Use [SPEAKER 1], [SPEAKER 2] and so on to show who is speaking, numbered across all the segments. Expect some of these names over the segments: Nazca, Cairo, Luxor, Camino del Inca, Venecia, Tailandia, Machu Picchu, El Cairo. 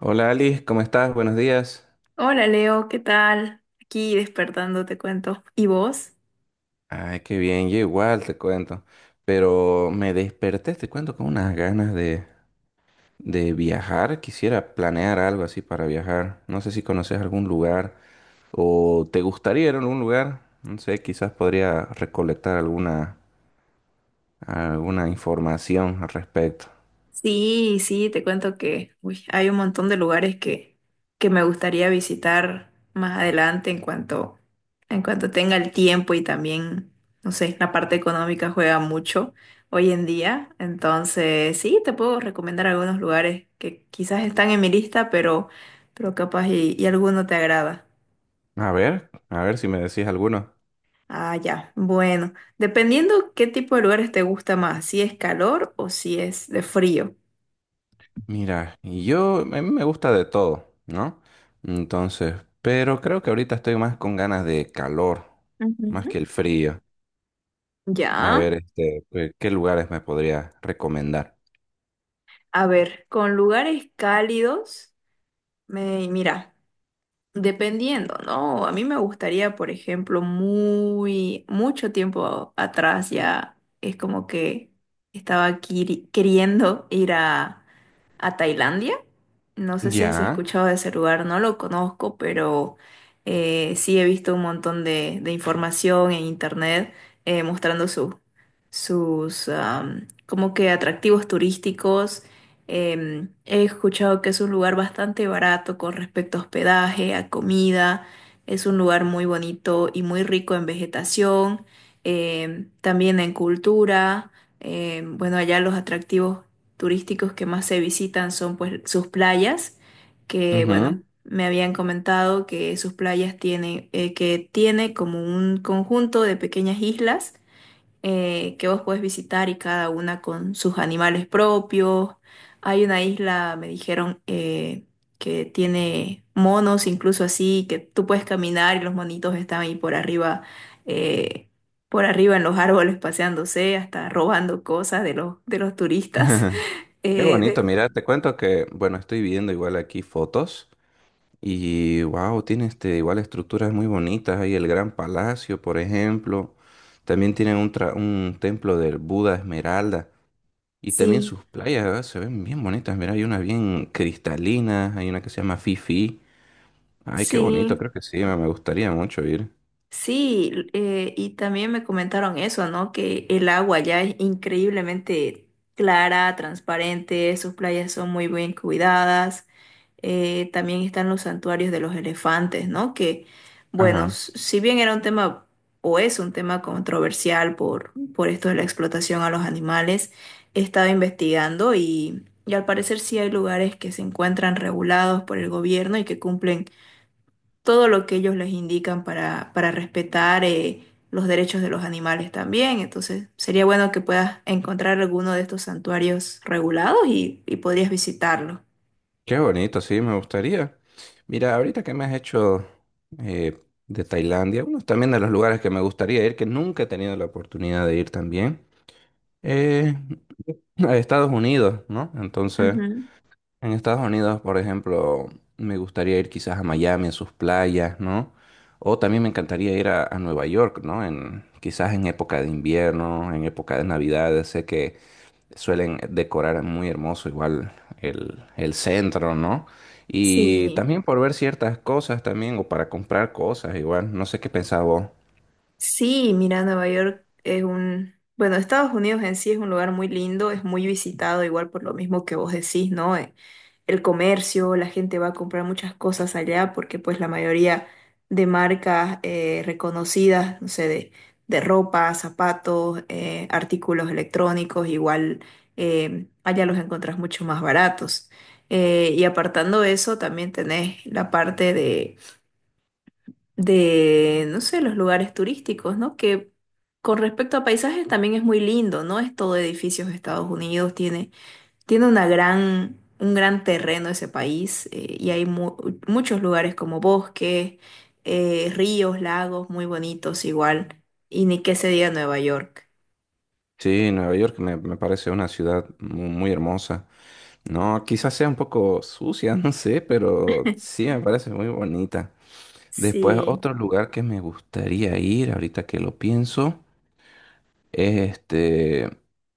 [SPEAKER 1] Hola Alice, ¿cómo estás? Buenos días.
[SPEAKER 2] Hola Leo, ¿qué tal? Aquí despertando, te cuento. ¿Y vos?
[SPEAKER 1] Ay, qué bien, yo igual te cuento. Pero me desperté, te cuento, con unas ganas de viajar. Quisiera planear algo así para viajar. No sé si conoces algún lugar o te gustaría ir a algún lugar. No sé, quizás podría recolectar alguna, alguna información al respecto.
[SPEAKER 2] Sí, sí, te cuento que uy, hay un montón de lugares que me gustaría visitar más adelante en cuanto tenga el tiempo y también, no sé, la parte económica juega mucho hoy en día. Entonces, sí, te puedo recomendar algunos lugares que quizás están en mi lista, pero capaz y alguno te agrada.
[SPEAKER 1] A ver si me decís alguno.
[SPEAKER 2] Ah, ya. Bueno, dependiendo qué tipo de lugares te gusta más, si es calor o si es de frío.
[SPEAKER 1] Mira, y yo, a mí me gusta de todo, ¿no? Entonces, pero creo que ahorita estoy más con ganas de calor, más
[SPEAKER 2] Ujú.
[SPEAKER 1] que el frío. A
[SPEAKER 2] Ya.
[SPEAKER 1] ver, este, ¿qué lugares me podría recomendar?
[SPEAKER 2] A ver, con lugares cálidos, mira, dependiendo, ¿no? A mí me gustaría, por ejemplo, mucho tiempo atrás ya es como que estaba queriendo ir a Tailandia. No sé si has
[SPEAKER 1] Ya.
[SPEAKER 2] escuchado de ese lugar, no lo conozco, pero sí he visto un montón de información en internet, mostrando como que atractivos turísticos. He escuchado que es un lugar bastante barato con respecto a hospedaje, a comida. Es un lugar muy bonito y muy rico en vegetación, también en cultura. Em, bueno, allá los atractivos turísticos que más se visitan son pues sus playas, que
[SPEAKER 1] Ujú.
[SPEAKER 2] bueno, me habían comentado que sus playas tienen, que tiene como un conjunto de pequeñas islas que vos puedes visitar y cada una con sus animales propios. Hay una isla, me dijeron, que tiene monos, incluso así, que tú puedes caminar y los monitos están ahí por arriba. eh, por arriba en los árboles paseándose, hasta robando cosas de los turistas.
[SPEAKER 1] Qué
[SPEAKER 2] Eh,
[SPEAKER 1] bonito,
[SPEAKER 2] de-
[SPEAKER 1] mira, te cuento que, bueno, estoy viendo igual aquí fotos y, wow, tiene este, igual estructuras muy bonitas, hay el Gran Palacio, por ejemplo, también tienen un, tra- un templo del Buda Esmeralda. Y también
[SPEAKER 2] sí,
[SPEAKER 1] sus playas, ¿verdad? Se ven bien bonitas. Mira, hay una bien cristalina, hay una que se llama Fifi. Ay, qué bonito,
[SPEAKER 2] sí,
[SPEAKER 1] creo que sí, me gustaría mucho ir.
[SPEAKER 2] sí, y también me comentaron eso, ¿no? Que el agua ya es increíblemente clara, transparente, sus playas son muy bien cuidadas. También están los santuarios de los elefantes, ¿no? Que, bueno,
[SPEAKER 1] Ajá.
[SPEAKER 2] si bien era un tema o es un tema controversial por esto de la explotación a los animales, he estado investigando y al parecer sí hay lugares que se encuentran regulados por el gobierno y que cumplen todo lo que ellos les indican para respetar los derechos de los animales también. Entonces, sería bueno que puedas encontrar alguno de estos santuarios regulados y podrías visitarlo.
[SPEAKER 1] Qué bonito, sí, me gustaría. Mira, ahorita que me has hecho eh, de Tailandia, uno también de los lugares que me gustaría ir, que nunca he tenido la oportunidad de ir también, eh, a Estados Unidos, ¿no? Entonces,
[SPEAKER 2] Ujú.
[SPEAKER 1] en Estados Unidos, por ejemplo, me gustaría ir quizás a Miami, a sus playas, ¿no? O también me encantaría ir a Nueva York, ¿no? En, quizás en época de invierno, en época de Navidad. Sé que suelen decorar muy hermoso igual el centro, ¿no? Y
[SPEAKER 2] Sí.
[SPEAKER 1] también por ver ciertas cosas también, o para comprar cosas igual. No sé qué pensaba vos.
[SPEAKER 2] Sí, mira, Nueva York es un, bueno, Estados Unidos en sí es un lugar muy lindo, es muy visitado, igual por lo mismo que vos decís, ¿no? El comercio, la gente va a comprar muchas cosas allá porque pues la mayoría de marcas, reconocidas, no sé, de ropa, zapatos, artículos electrónicos, igual allá los encontrás mucho más baratos. Y apartando eso, también tenés la parte de no sé, los lugares turísticos, ¿no? Que con respecto a paisajes también es muy lindo, ¿no? Es todo edificios de Estados Unidos, tiene una gran, un gran terreno ese país, y hay muchos lugares como bosques, ríos, lagos muy bonitos igual, y ni qué se diga Nueva York.
[SPEAKER 1] Sí, Nueva York me, me parece una ciudad mu- muy hermosa. No, quizás sea un poco sucia, no sé, pero sí me parece muy bonita. Después,
[SPEAKER 2] Sí.
[SPEAKER 1] otro lugar que me gustaría ir, ahorita que lo pienso, es este,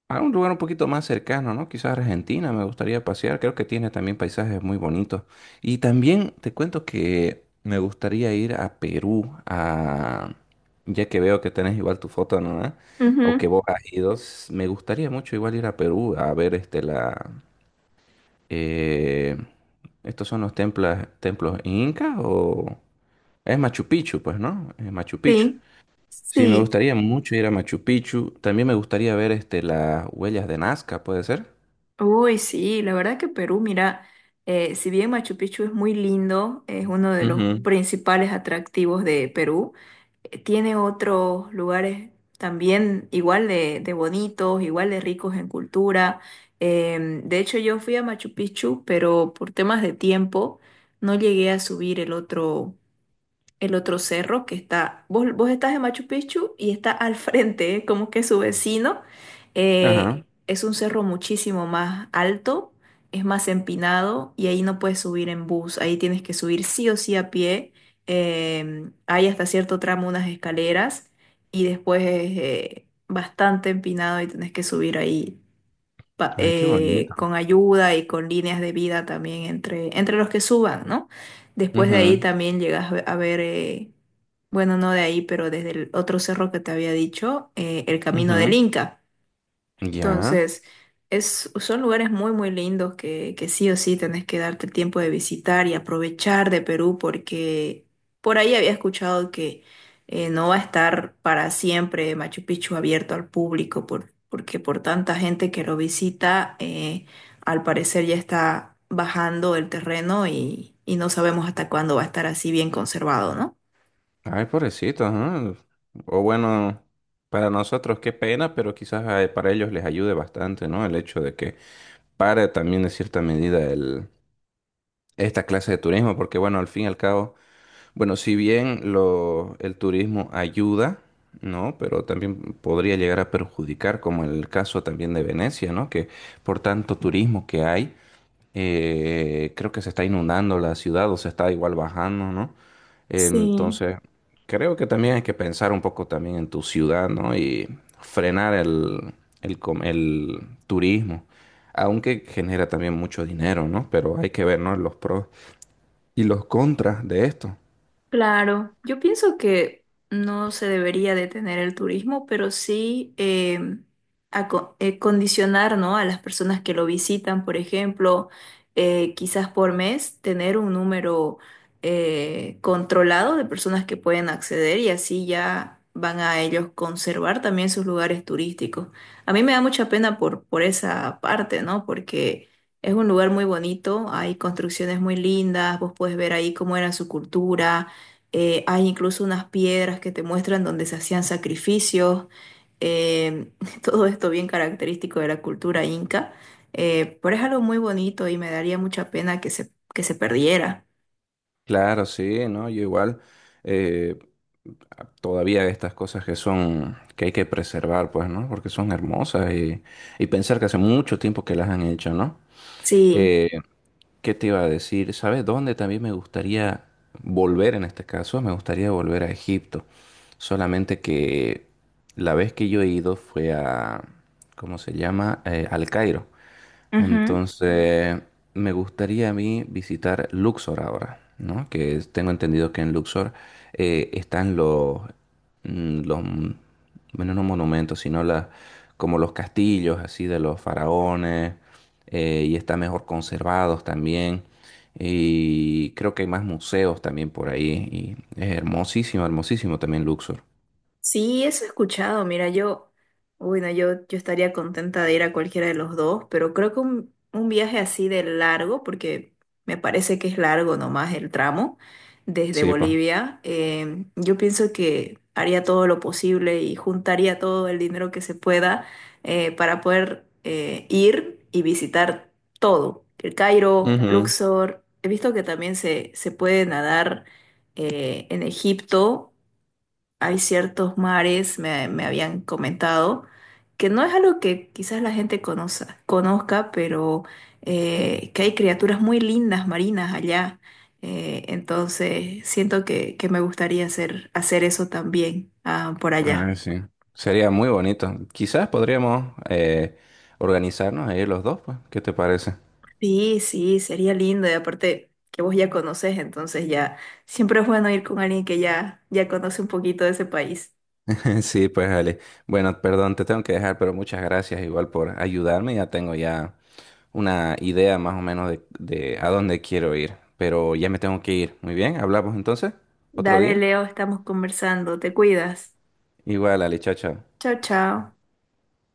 [SPEAKER 1] a un lugar un poquito más cercano, ¿no? Quizás Argentina, me gustaría pasear, creo que tiene también paisajes muy bonitos. Y también te cuento que me gustaría ir a Perú, a... ya que veo que tenés igual tu foto, ¿no? ¿Eh? O que
[SPEAKER 2] Ujú.
[SPEAKER 1] vos has ido, s- me gustaría mucho igual ir a Perú a ver este, la... eh, ¿Estos son los templos, templos incas o...? Es Machu Picchu, pues, ¿no? Es Machu Picchu.
[SPEAKER 2] Sí,
[SPEAKER 1] Sí, me
[SPEAKER 2] sí.
[SPEAKER 1] gustaría mucho ir a Machu Picchu. También me gustaría ver este, las huellas de Nazca, ¿puede ser?
[SPEAKER 2] Uy, sí, la verdad que Perú, mira, si bien Machu Picchu es muy lindo, es uno de los
[SPEAKER 1] Ujú.
[SPEAKER 2] principales atractivos de Perú, tiene otros lugares también igual de bonitos, igual de ricos en cultura. Em, de hecho, yo fui a Machu Picchu, pero por temas de tiempo no llegué a subir el otro cerro que está, vos estás en Machu Picchu y está al frente, ¿eh? Como que su vecino.
[SPEAKER 1] Ajá.
[SPEAKER 2] Es un cerro muchísimo más alto, es más empinado y ahí no puedes subir en bus, ahí tienes que subir sí o sí a pie. Hay hasta cierto tramo unas escaleras y después es, bastante empinado y tenés que subir ahí
[SPEAKER 1] Ay, qué bonito.
[SPEAKER 2] con ayuda y con líneas de vida también entre los que suban, ¿no? Después de ahí
[SPEAKER 1] Ujú,
[SPEAKER 2] también llegas a ver, bueno, no de ahí, pero desde el otro cerro que te había dicho, el Camino del
[SPEAKER 1] ujú.
[SPEAKER 2] Inca.
[SPEAKER 1] Ya.
[SPEAKER 2] Entonces, son lugares muy, muy lindos que sí o sí tenés que darte el tiempo de visitar y aprovechar de Perú porque por ahí había escuchado que, no va a estar para siempre Machu Picchu abierto al público porque por tanta gente que lo visita, al parecer ya está bajando el terreno y no sabemos hasta cuándo va a estar así bien conservado, ¿no?
[SPEAKER 1] Ay, pobrecito, ajá. O bueno, para nosotros qué pena, pero quizás para ellos les ayude bastante, ¿no? El hecho de que pare también en cierta medida el, esta clase de turismo, porque bueno, al fin y al cabo. Bueno, si bien lo, el turismo ayuda, ¿no? Pero también podría llegar a perjudicar, como en el caso también de Venecia, ¿no? Que por tanto turismo que hay, creo que se está inundando la ciudad o se está igual bajando, ¿no?
[SPEAKER 2] Sí.
[SPEAKER 1] Entonces, creo que también hay que pensar un poco también en tu ciudad, ¿no? Y frenar el, com- el turismo, aunque genera también mucho dinero, ¿no? Pero hay que ver, ¿no? Los pros y los contras de esto.
[SPEAKER 2] Claro, yo pienso que no se debería detener el turismo, pero sí, condicionar, ¿no? A las personas que lo visitan, por ejemplo, quizás por mes, tener un número, controlado de personas que pueden acceder y así ya van a ellos conservar también sus lugares turísticos. A mí me da mucha pena por esa parte, ¿no? Porque... Es un lugar muy bonito, hay construcciones muy lindas, vos puedes ver ahí cómo era su cultura, hay incluso unas piedras que te muestran donde se hacían sacrificios, eh, todo esto bien característico de la cultura inca, pero es algo muy bonito y me daría mucha pena que se perdiera.
[SPEAKER 1] Claro, sí, ¿no? Yo igual, eh, todavía estas cosas que son, que hay que preservar, pues, ¿no? Porque son hermosas y pensar que hace mucho tiempo que las han hecho, ¿no?
[SPEAKER 2] Sí.
[SPEAKER 1] Eh, ¿Qué te iba a decir? ¿Sabes dónde también me gustaría volver en este caso? Me gustaría volver a Egipto. Solamente que la vez que yo he ido fue a, ¿cómo se llama? Al Cairo.
[SPEAKER 2] Ujú.
[SPEAKER 1] Entonces, me gustaría a mí visitar Luxor ahora, ¿no? Que es- tengo entendido que en Luxor están los, los, bueno, no monumentos, sino las, como los castillos así de los faraones, y están mejor conservados también. Y creo que hay más museos también por ahí, y es hermosísimo, hermosísimo también Luxor.
[SPEAKER 2] Sí, eso he escuchado. Mira, yo, bueno, yo estaría contenta de ir a cualquiera de los dos, pero creo que un viaje así de largo, porque me parece que es largo nomás el tramo desde
[SPEAKER 1] Sí, pa.
[SPEAKER 2] Bolivia, yo pienso que haría todo lo posible y juntaría todo el dinero que se pueda, para poder, ir y visitar todo. El Cairo,
[SPEAKER 1] Ujú.
[SPEAKER 2] Luxor, he visto que también se puede nadar, en Egipto hay ciertos mares, me habían comentado, que no es algo que quizás la gente conozca, pero que hay criaturas muy lindas marinas allá. Entonces, siento que me gustaría hacer eso también ah, por allá.
[SPEAKER 1] Ah, sí. Sería muy bonito. Quizás podríamos organizarnos ahí los dos, pues. ¿Qué te parece?
[SPEAKER 2] Sí, sí, sería lindo. Y aparte que vos ya conoces, entonces ya siempre es bueno ir con alguien que ya conoce un poquito de ese país.
[SPEAKER 1] Sí, pues Ale. Bueno, perdón, te tengo que dejar, pero muchas gracias igual por ayudarme. Ya tengo ya una idea más o menos de a dónde quiero ir. Pero ya me tengo que ir. Muy bien, hablamos entonces otro
[SPEAKER 2] Dale,
[SPEAKER 1] día.
[SPEAKER 2] Leo, estamos conversando. Te cuidas.
[SPEAKER 1] Igual, Ale, chao, chao.
[SPEAKER 2] Chao, chao.